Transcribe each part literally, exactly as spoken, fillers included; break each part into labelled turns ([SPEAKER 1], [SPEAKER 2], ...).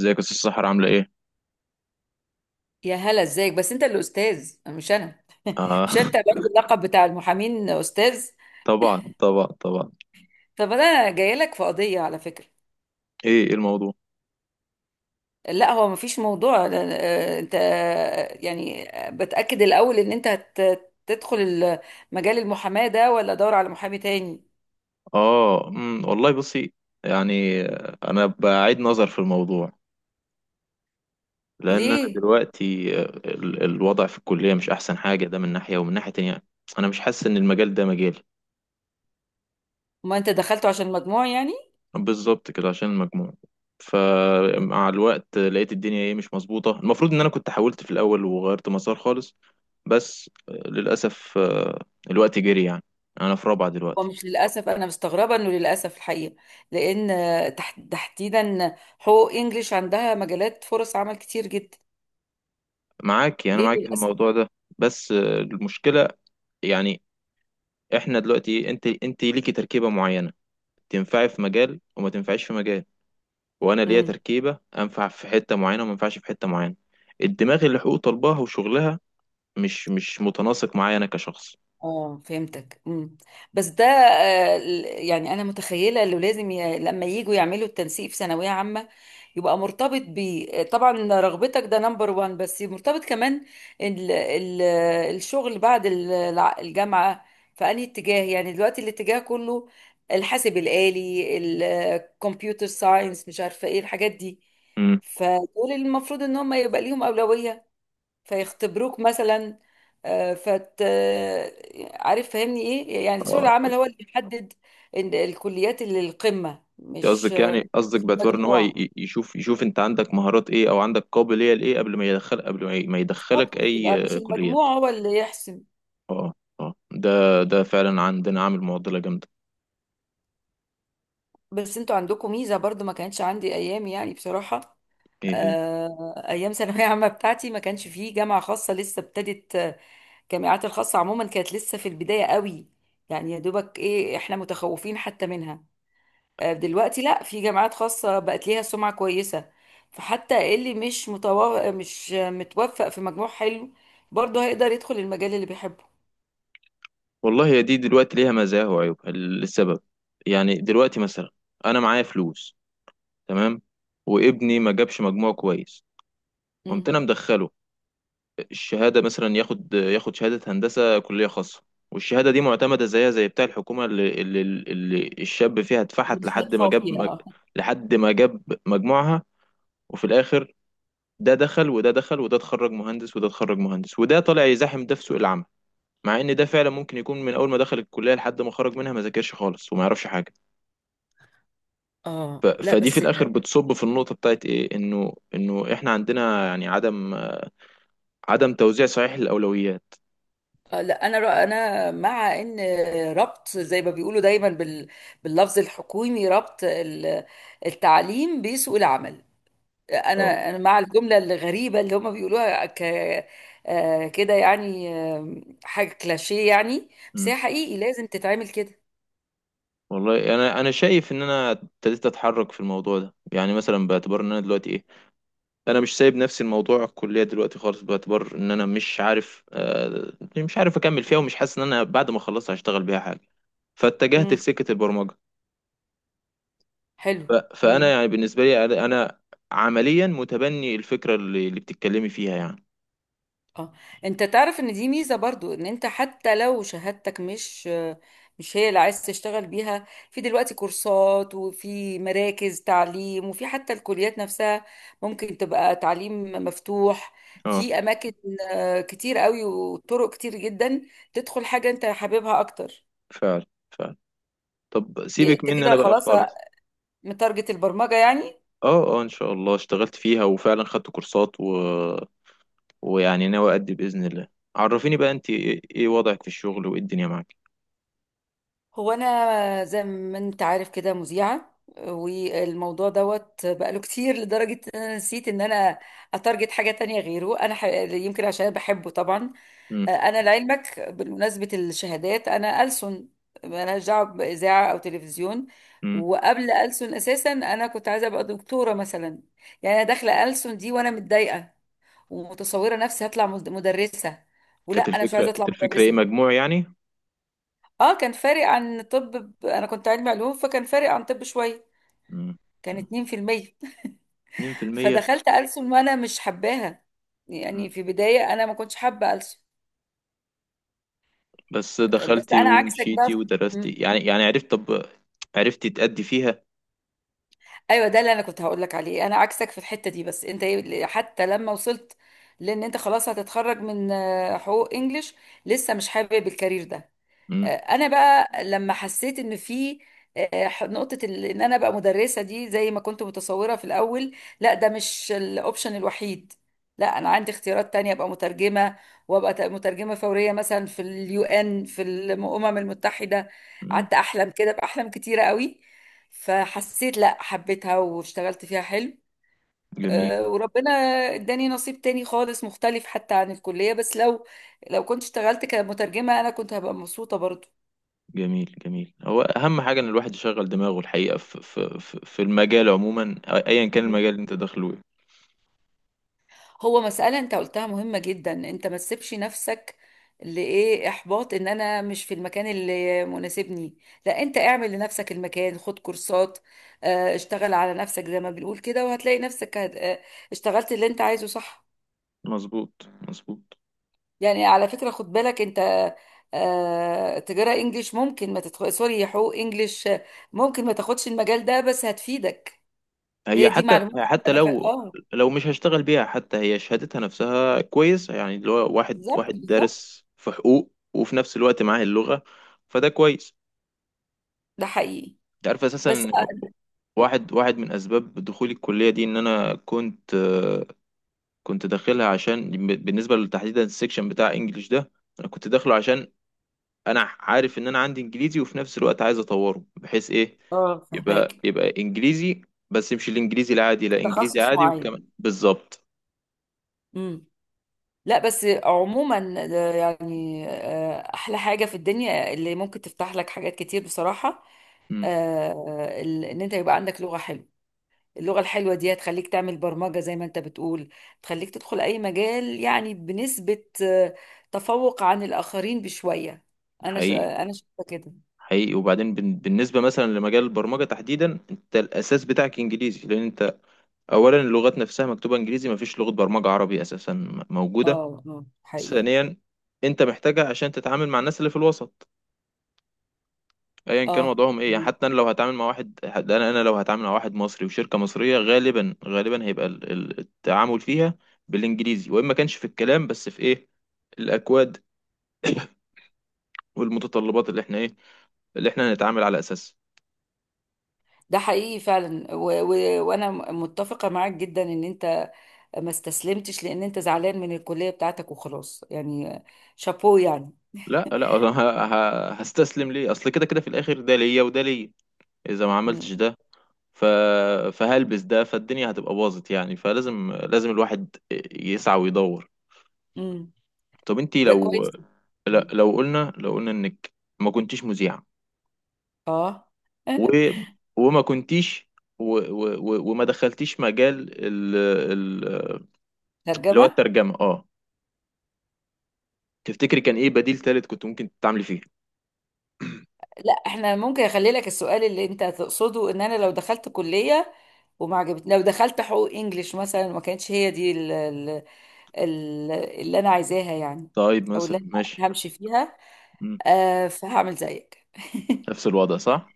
[SPEAKER 1] ازيك يا استاذ سحر، عامله ايه؟
[SPEAKER 2] يا هلا، ازيك؟ بس انت اللي استاذ، مش انا.
[SPEAKER 1] آه.
[SPEAKER 2] مش انت برضه اللقب بتاع المحامين استاذ؟
[SPEAKER 1] طبعا طبعا طبعا.
[SPEAKER 2] طب انا جاي لك في قضيه على فكره.
[SPEAKER 1] ايه ايه الموضوع؟
[SPEAKER 2] لا، هو مفيش موضوع لا- آه، انت، آه، يعني، آه، بتاكد الاول ان انت هت- تدخل ال- مجال المحاماه ده ولا دور على محامي تاني.
[SPEAKER 1] اه، امم والله بصي. يعني آه، انا بعيد نظر في الموضوع، لان انا
[SPEAKER 2] ليه؟
[SPEAKER 1] دلوقتي آه، ال- الوضع في الكليه مش احسن حاجه، ده من ناحيه، ومن ناحيه تانية انا مش حاسس ان المجال ده مجالي.
[SPEAKER 2] ما انت دخلته عشان مجموع يعني.
[SPEAKER 1] بالظبط كده عشان المجموع. فمع الوقت لقيت الدنيا ايه، مش مظبوطه، المفروض ان انا كنت حاولت في الاول وغيرت مسار خالص. بس آه، للاسف آه، الوقت جري يعني، انا في رابعه دلوقتي.
[SPEAKER 2] ومش للاسف، انا مستغربه انه للاسف الحقيقه، لان آه، تح- تحديدا حقوق انجليش عندها مجالات فرص عمل كتير جدا.
[SPEAKER 1] معاكي، انا
[SPEAKER 2] ليه
[SPEAKER 1] معاكي في
[SPEAKER 2] للاسف؟
[SPEAKER 1] الموضوع ده. بس آه، المشكله يعني، احنا دلوقتي انت انت ليكي تركيبه معينه، تنفعي في مجال وما تنفعيش في مجال، وانا ليا
[SPEAKER 2] مم.
[SPEAKER 1] تركيبه انفع في حته معينه وما ينفعش في حته معينه. الدماغ اللي حقوق طلبها وشغلها مش مش متناسق معايا انا كشخص.
[SPEAKER 2] اه، فهمتك. امم. بس ده آه، ال- يعني انا متخيله انه لازم ي... لما يجوا يعملوا التنسيق في ثانويه عامه يبقى مرتبط ب آه، طبعا رغبتك، ده نمبر وان، بس مرتبط كمان ال... ال... الشغل بعد ال- الع- الجامعه في انهي اتجاه. يعني دلوقتي الاتجاه كله الحاسب الآلي، الكمبيوتر ساينس، مش عارفه ايه الحاجات دي،
[SPEAKER 1] امم.
[SPEAKER 2] فدول المفروض ان هم يبقى ليهم اولويه فيختبروك مثلا آه، فت آه، عارف فاهمني ايه. يعني سوق
[SPEAKER 1] آه،
[SPEAKER 2] العمل هو اللي بيحدد إن الكليات اللي القمة
[SPEAKER 1] انت
[SPEAKER 2] مش
[SPEAKER 1] قصدك، يعني قصدك
[SPEAKER 2] مش
[SPEAKER 1] باعتبار ان هو ي-
[SPEAKER 2] المجموع،
[SPEAKER 1] ي- يشوف، يشوف انت عندك مهارات ايه او عندك قابليه لايه قبل ما يدخل، قبل ما ي- ما
[SPEAKER 2] بالظبط.
[SPEAKER 1] يدخلك اي
[SPEAKER 2] يبقى مش
[SPEAKER 1] آه، كليات.
[SPEAKER 2] المجموع هو اللي يحسم.
[SPEAKER 1] اه اه. ده ده فعلا عندنا عامل معضله جامده.
[SPEAKER 2] بس انتوا عندكم ميزة برضو ما كانتش عندي ايام يعني بصراحة.
[SPEAKER 1] ايه هي؟
[SPEAKER 2] آه، ايام ثانوية عامة بتاعتي ما كانش فيه جامعة خاصة، لسه ابتدت. آه، الجامعات الخاصة عموما كانت لسه في البداية قوي، يعني يا دوبك ايه، احنا متخوفين حتى منها. آه، دلوقتي لا، في جامعات خاصة بقت ليها سمعة كويسة، فحتى اللي مش متو... مش متوفق في مجموع حلو برضه هيقدر يدخل المجال اللي بيحبه.
[SPEAKER 1] والله هي دي دلوقتي ليها مزايا وعيوبها. السبب، يعني دلوقتي مثلا انا معايا فلوس، تمام، وابني ما جابش مجموع كويس، قمت
[SPEAKER 2] مم.
[SPEAKER 1] انا مدخله الشهاده، مثلا ياخد ياخد شهاده هندسه كليه خاصه. والشهاده دي معتمده زيها زي بتاع الحكومه، اللي, اللي, اللي الشاب فيها
[SPEAKER 2] اللي
[SPEAKER 1] اتفحت
[SPEAKER 2] مش
[SPEAKER 1] لحد ما
[SPEAKER 2] مدفوع
[SPEAKER 1] جاب
[SPEAKER 2] فيه،
[SPEAKER 1] مج...
[SPEAKER 2] اه.
[SPEAKER 1] لحد ما جاب مجموعها. وفي الاخر ده دخل وده دخل، وده اتخرج مهندس وده اتخرج مهندس، وده طالع يزاحم ده في سوق العمل، مع ان ده فعلا ممكن يكون من اول ما دخل الكليه لحد ما خرج منها ما ذاكرش خالص وما يعرفش حاجه. ف...
[SPEAKER 2] اه لا
[SPEAKER 1] فدي في
[SPEAKER 2] بس
[SPEAKER 1] الاخر بتصب في النقطه بتاعت ايه، انه انه احنا عندنا يعني عدم، عدم توزيع صحيح للاولويات.
[SPEAKER 2] آه، لا، انا رأ... انا مع ان ربط زي ما بيقولوا دايما بال... باللفظ الحكومي، ربط ال- التعليم بسوق العمل.
[SPEAKER 1] اه.
[SPEAKER 2] انا انا مع الجمله الغريبه اللي هم بيقولوها ك آه، كده، يعني آه، حاجه كلاشيه يعني، بس
[SPEAKER 1] مم.
[SPEAKER 2] هي حقيقي لازم تتعمل كده.
[SPEAKER 1] والله، انا انا شايف ان انا ابتديت اتحرك في الموضوع ده، يعني مثلا باعتبار ان انا دلوقتي ايه، انا مش سايب نفسي الموضوع، الكليه دلوقتي خالص، باعتبار ان انا مش عارف آه، مش عارف اكمل فيها، ومش حاسس ان انا بعد ما اخلصها هشتغل بيها حاجه، فاتجهت
[SPEAKER 2] امم.
[SPEAKER 1] لسكه البرمجه.
[SPEAKER 2] حلو.
[SPEAKER 1] ف- فانا يعني بالنسبه لي، انا أنا عمليا متبني الفكره اللي, اللي بتتكلمي فيها يعني.
[SPEAKER 2] اه. انت تعرف ان دي ميزة برضو، ان انت حتى لو شهادتك مش مش هي اللي عايز تشتغل بيها، في دلوقتي كورسات، وفي مراكز تعليم، وفي حتى الكليات نفسها ممكن تبقى تعليم مفتوح،
[SPEAKER 1] اه
[SPEAKER 2] في اماكن آه، كتير قوي، وطرق كتير جدا تدخل حاجة انت حاببها اكتر.
[SPEAKER 1] فعلا، فعلا. طب
[SPEAKER 2] إيه،
[SPEAKER 1] سيبك
[SPEAKER 2] انت
[SPEAKER 1] مني
[SPEAKER 2] كده
[SPEAKER 1] انا بقى
[SPEAKER 2] خلاص
[SPEAKER 1] خالص.
[SPEAKER 2] متارجت البرمجة يعني؟
[SPEAKER 1] اه اه، ان شاء الله اشتغلت فيها وفعلا خدت كورسات، و... ويعني ناوي ادي باذن الله. عرفيني بقى انت ايه، إيه وضعك في الشغل وايه الدنيا معاك؟
[SPEAKER 2] هو انا زي ما انت عارف كده مذيعه، والموضوع دوت بقاله كتير لدرجه ان انا نسيت ان انا اتارجت حاجه تانية غيره. انا ح... يمكن عشان أنا بحبه طبعا.
[SPEAKER 1] امم.
[SPEAKER 2] انا لعلمك بمناسبه الشهادات انا ألسن، مالهاش دعوه باذاعه او تلفزيون.
[SPEAKER 1] امم.
[SPEAKER 2] وقبل ألسن اساسا انا كنت عايزه ابقى دكتوره مثلا. يعني انا داخله ألسن دي وانا متضايقه، ومتصوره نفسي هطلع مد- مدرسه، ولا
[SPEAKER 1] كانت
[SPEAKER 2] انا مش
[SPEAKER 1] الفكره،
[SPEAKER 2] عايزه اطلع
[SPEAKER 1] كانت الفكره ايه،
[SPEAKER 2] مدرسه.
[SPEAKER 1] مجموع يعني؟
[SPEAKER 2] اه، كان فارق عن طب. ب- انا كنت علمي علوم، فكان فارق عن طب شويه.
[SPEAKER 1] امم.
[SPEAKER 2] كان اتنين في المية.
[SPEAKER 1] اثنين في المئة.
[SPEAKER 2] فدخلت ألسن وانا مش حباها. يعني
[SPEAKER 1] مم.
[SPEAKER 2] في بدايه انا ما كنتش حابه ألسن.
[SPEAKER 1] بس
[SPEAKER 2] بس
[SPEAKER 1] دخلتي
[SPEAKER 2] انا عكسك بقى
[SPEAKER 1] ومشيتي
[SPEAKER 2] في...
[SPEAKER 1] ودرستي
[SPEAKER 2] مم.
[SPEAKER 1] يعني، يعني عرفت طب، عرفتي تأدي فيها.
[SPEAKER 2] ايوه، ده اللي انا كنت هقول لك عليه. انا عكسك في الحته دي. بس انت إيه- حتى لما وصلت، لان انت خلاص هتتخرج من آه، حقوق انجليش لسه مش حابب الكارير ده.
[SPEAKER 1] امم.
[SPEAKER 2] آه، انا بقى لما حسيت ان في آه، نقطة ال- ان انا بقى مدرسة دي زي ما كنت متصورة في الاول، لا، ده مش الاوبشن الوحيد. لا، انا عندي اختيارات تانية، ابقى مترجمة، وابقى ت- مترجمة فورية مثلا في اليو ان، في الامم المتحدة.
[SPEAKER 1] امم.
[SPEAKER 2] قعدت احلم كده باحلام كتيرة قوي، فحسيت لا، حبيتها واشتغلت فيها حلو.
[SPEAKER 1] جميل.
[SPEAKER 2] آه، وربنا اداني نصيب تاني خالص، مختلف حتى عن الكلية. بس لو لو كنت اشتغلت كمترجمة، انا كنت هبقى مبسوطة برضو.
[SPEAKER 1] جميل جميل. هو اهم حاجه ان الواحد يشغل دماغه الحقيقه في في في في المجال عموما، ايا كان المجال اللي انت داخله إيه.
[SPEAKER 2] هو مسألة انت قلتها مهمة جدا، انت ما تسيبش نفسك لإيه إحباط إن أنا مش في المكان اللي مناسبني. لا، انت اعمل لنفسك المكان، خد كورسات، آه، اشتغل على نفسك زي ما بنقول كده، وهتلاقي نفسك هت- آه، اشتغلت اللي انت عايزه، صح؟
[SPEAKER 1] مظبوط مظبوط.
[SPEAKER 2] يعني على فكرة خد بالك انت، آه، تجارة انجليش ممكن ما تدخل، سوري، حقوق انجليش، آه، ممكن ما تاخدش المجال ده بس هتفيدك. هي
[SPEAKER 1] هي
[SPEAKER 2] دي
[SPEAKER 1] حتى،
[SPEAKER 2] معلومات
[SPEAKER 1] حتى
[SPEAKER 2] عامة، دخل
[SPEAKER 1] لو،
[SPEAKER 2] اه.
[SPEAKER 1] لو مش هشتغل بيها، حتى هي شهادتها نفسها كويس، يعني اللي هو واحد،
[SPEAKER 2] بالظبط
[SPEAKER 1] واحد
[SPEAKER 2] بالظبط.
[SPEAKER 1] دارس في حقوق وفي نفس الوقت معاه اللغه، فده كويس.
[SPEAKER 2] ده حقيقي.
[SPEAKER 1] انت عارف اساسا
[SPEAKER 2] بس
[SPEAKER 1] إن واحد، واحد من اسباب دخولي الكليه دي ان انا كنت كنت داخلها عشان بالنسبه لتحديدا السكشن بتاع انجليش ده، انا كنت داخله عشان انا عارف ان انا عندي انجليزي وفي نفس الوقت عايز اطوره بحيث ايه،
[SPEAKER 2] اه،
[SPEAKER 1] يبقى
[SPEAKER 2] فهماك.
[SPEAKER 1] يبقى انجليزي، بس مش الانجليزي العادي، لا انجليزي
[SPEAKER 2] تخصص
[SPEAKER 1] عادي
[SPEAKER 2] معين.
[SPEAKER 1] وكمان بالظبط.
[SPEAKER 2] امم. لا بس عموما ده يعني آه، احلى حاجه في الدنيا اللي ممكن تفتح لك حاجات كتير بصراحه.
[SPEAKER 1] امم.
[SPEAKER 2] آه، ال- ان انت يبقى عندك لغه حلوه، اللغه الحلوه دي هتخليك تعمل برمجه زي ما انت بتقول، تخليك تدخل اي مجال. يعني بنسبه آه، تفوق عن الاخرين بشويه. انا ش...
[SPEAKER 1] حقيقي،
[SPEAKER 2] آه، انا شايفه كده.
[SPEAKER 1] حقيقي. وبعدين بن- بالنسبه مثلا لمجال البرمجه تحديدا، انت الاساس بتاعك انجليزي، لان انت اولا اللغات نفسها مكتوبه انجليزي، ما فيش لغه برمجه عربي اساسا موجوده.
[SPEAKER 2] اه اه حقيقي.
[SPEAKER 1] ثانيا، انت محتاجها عشان تتعامل مع الناس اللي في الوسط، ايا كان
[SPEAKER 2] اه.
[SPEAKER 1] وضعهم ايه، يعني حتى انا لو هتعامل مع واحد، حتى انا انا لو هتعامل مع واحد مصري وشركه مصريه، غالبا غالبا هيبقى ال- ال- التعامل فيها بالانجليزي، وان ما كانش في الكلام، بس في ايه، الاكواد. والمتطلبات اللي احنا ايه، اللي احنا هنتعامل على اساسها.
[SPEAKER 2] ده حقيقي فعلا و... و... وانا متفقه معاك جدا ان انت ما استسلمتش لان انت زعلان من الكلية بتاعتك وخلاص يعني. شابوه يعني.
[SPEAKER 1] لا لا، أنا ه- ه- هستسلم ليه؟ اصل كده كده في الاخر ده ليا وده ليا، اذا ما
[SPEAKER 2] مم.
[SPEAKER 1] عملتش ده ف... فهلبس ده، فالدنيا هتبقى باظت يعني، فلازم، لازم الواحد يسعى ويدور.
[SPEAKER 2] مم.
[SPEAKER 1] طب انتي
[SPEAKER 2] ده كويس
[SPEAKER 1] لو،
[SPEAKER 2] جدا.
[SPEAKER 1] لا-
[SPEAKER 2] مم.
[SPEAKER 1] لو قلنا، لو قلنا انك ما كنتيش مذيعة،
[SPEAKER 2] اه.
[SPEAKER 1] و... وما كنتيش، و... و... و... وما دخلتيش مجال ال... ال... اللي هو
[SPEAKER 2] ترجمة.
[SPEAKER 1] الترجمة، اه، تفتكري كان ايه بديل تالت كنت ممكن تتعاملي فيه؟
[SPEAKER 2] لا، احنا ممكن اخلي لك السؤال اللي انت تقصده، ان انا لو دخلت كلية وما عجبت، لو دخلت حقوق انجليش مثلا، ما كانتش هي دي ال- ال- ال- اللي انا عايزاها يعني،
[SPEAKER 1] طيب
[SPEAKER 2] او اللي
[SPEAKER 1] مثلا ماشي.
[SPEAKER 2] انا همشي فيها.
[SPEAKER 1] مم.
[SPEAKER 2] آه، فهعمل زيك.
[SPEAKER 1] نفس الوضع، صح.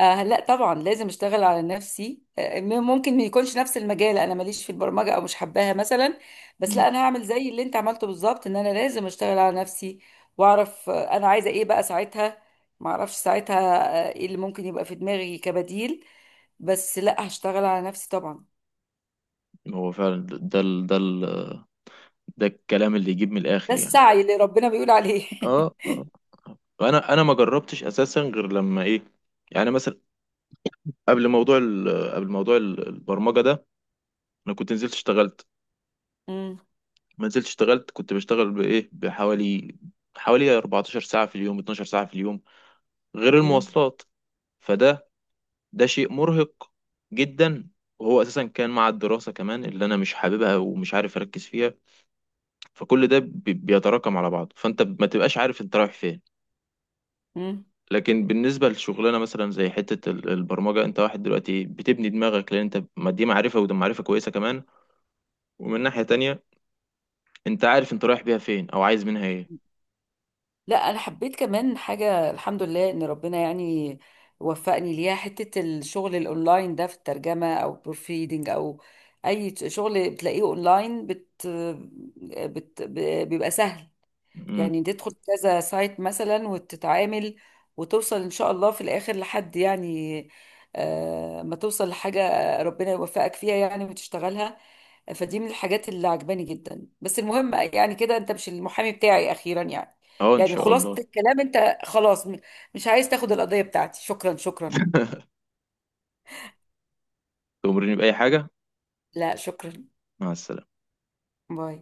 [SPEAKER 2] آه لا طبعا، لازم اشتغل على نفسي. آه م- ممكن ما يكونش نفس المجال، انا ماليش في البرمجه او مش حباها مثلا، بس
[SPEAKER 1] مم.
[SPEAKER 2] لا، انا هعمل زي اللي انت عملته بالظبط، ان انا لازم اشتغل على نفسي. واعرف آه، انا عايزه ايه بقى ساعتها. ما اعرفش ساعتها آه، ايه اللي ممكن يبقى في دماغي كبديل. بس لا، هشتغل على نفسي طبعا.
[SPEAKER 1] هو فعلا ده، ده ال... ده ال... ده الكلام اللي يجيب من
[SPEAKER 2] ده
[SPEAKER 1] الاخر يعني.
[SPEAKER 2] السعي اللي ربنا بيقول عليه.
[SPEAKER 1] اه اه. انا انا ما جربتش اساسا غير لما ايه، يعني مثلا قبل موضوع ال... قبل موضوع ال- البرمجة ده، انا كنت نزلت اشتغلت،
[SPEAKER 2] مم،
[SPEAKER 1] ما نزلت اشتغلت، كنت بشتغل بايه، بحوالي حوالي اربعتاشر ساعة في اليوم، اثنا عشر ساعة في اليوم غير
[SPEAKER 2] مم،
[SPEAKER 1] المواصلات. فده، ده شيء مرهق جدا، وهو اساسا كان مع الدراسة كمان اللي انا مش حاببها ومش عارف اركز فيها، فكل ده بي- بيتراكم على بعض، فانت ما تبقاش عارف انت رايح فين.
[SPEAKER 2] مم.
[SPEAKER 1] لكن بالنسبة للشغلانة مثلا زي حتة ال- البرمجة، انت واحد دلوقتي بتبني دماغك، لان انت ما دي معرفة، وده معرفة كويسة كمان. ومن ناحية تانية، انت عارف انت رايح بيها فين او عايز منها ايه.
[SPEAKER 2] لا، انا حبيت كمان حاجه، الحمد لله ان ربنا يعني وفقني ليها، حته الشغل الاونلاين ده في الترجمه او بروفيدنج او اي شغل بتلاقيه اونلاين بت... بت... بيبقى سهل.
[SPEAKER 1] امم.
[SPEAKER 2] يعني تدخل كذا سايت مثلا وتتعامل، وتوصل ان شاء الله في الاخر لحد يعني آه، ما توصل لحاجة ربنا يوفقك فيها يعني وتشتغلها. فدي من الحاجات اللي عجباني جدا. بس المهم يعني كده انت مش المحامي بتاعي اخيرا يعني.
[SPEAKER 1] اه ان
[SPEAKER 2] يعني
[SPEAKER 1] شاء
[SPEAKER 2] خلاصة
[SPEAKER 1] الله.
[SPEAKER 2] الكلام انت خلاص م- مش عايز تاخد القضية بتاعتي. شكرا، شكرا.
[SPEAKER 1] تأمرني بأي حاجة.
[SPEAKER 2] لا شكرا.
[SPEAKER 1] مع السلامة.
[SPEAKER 2] باي.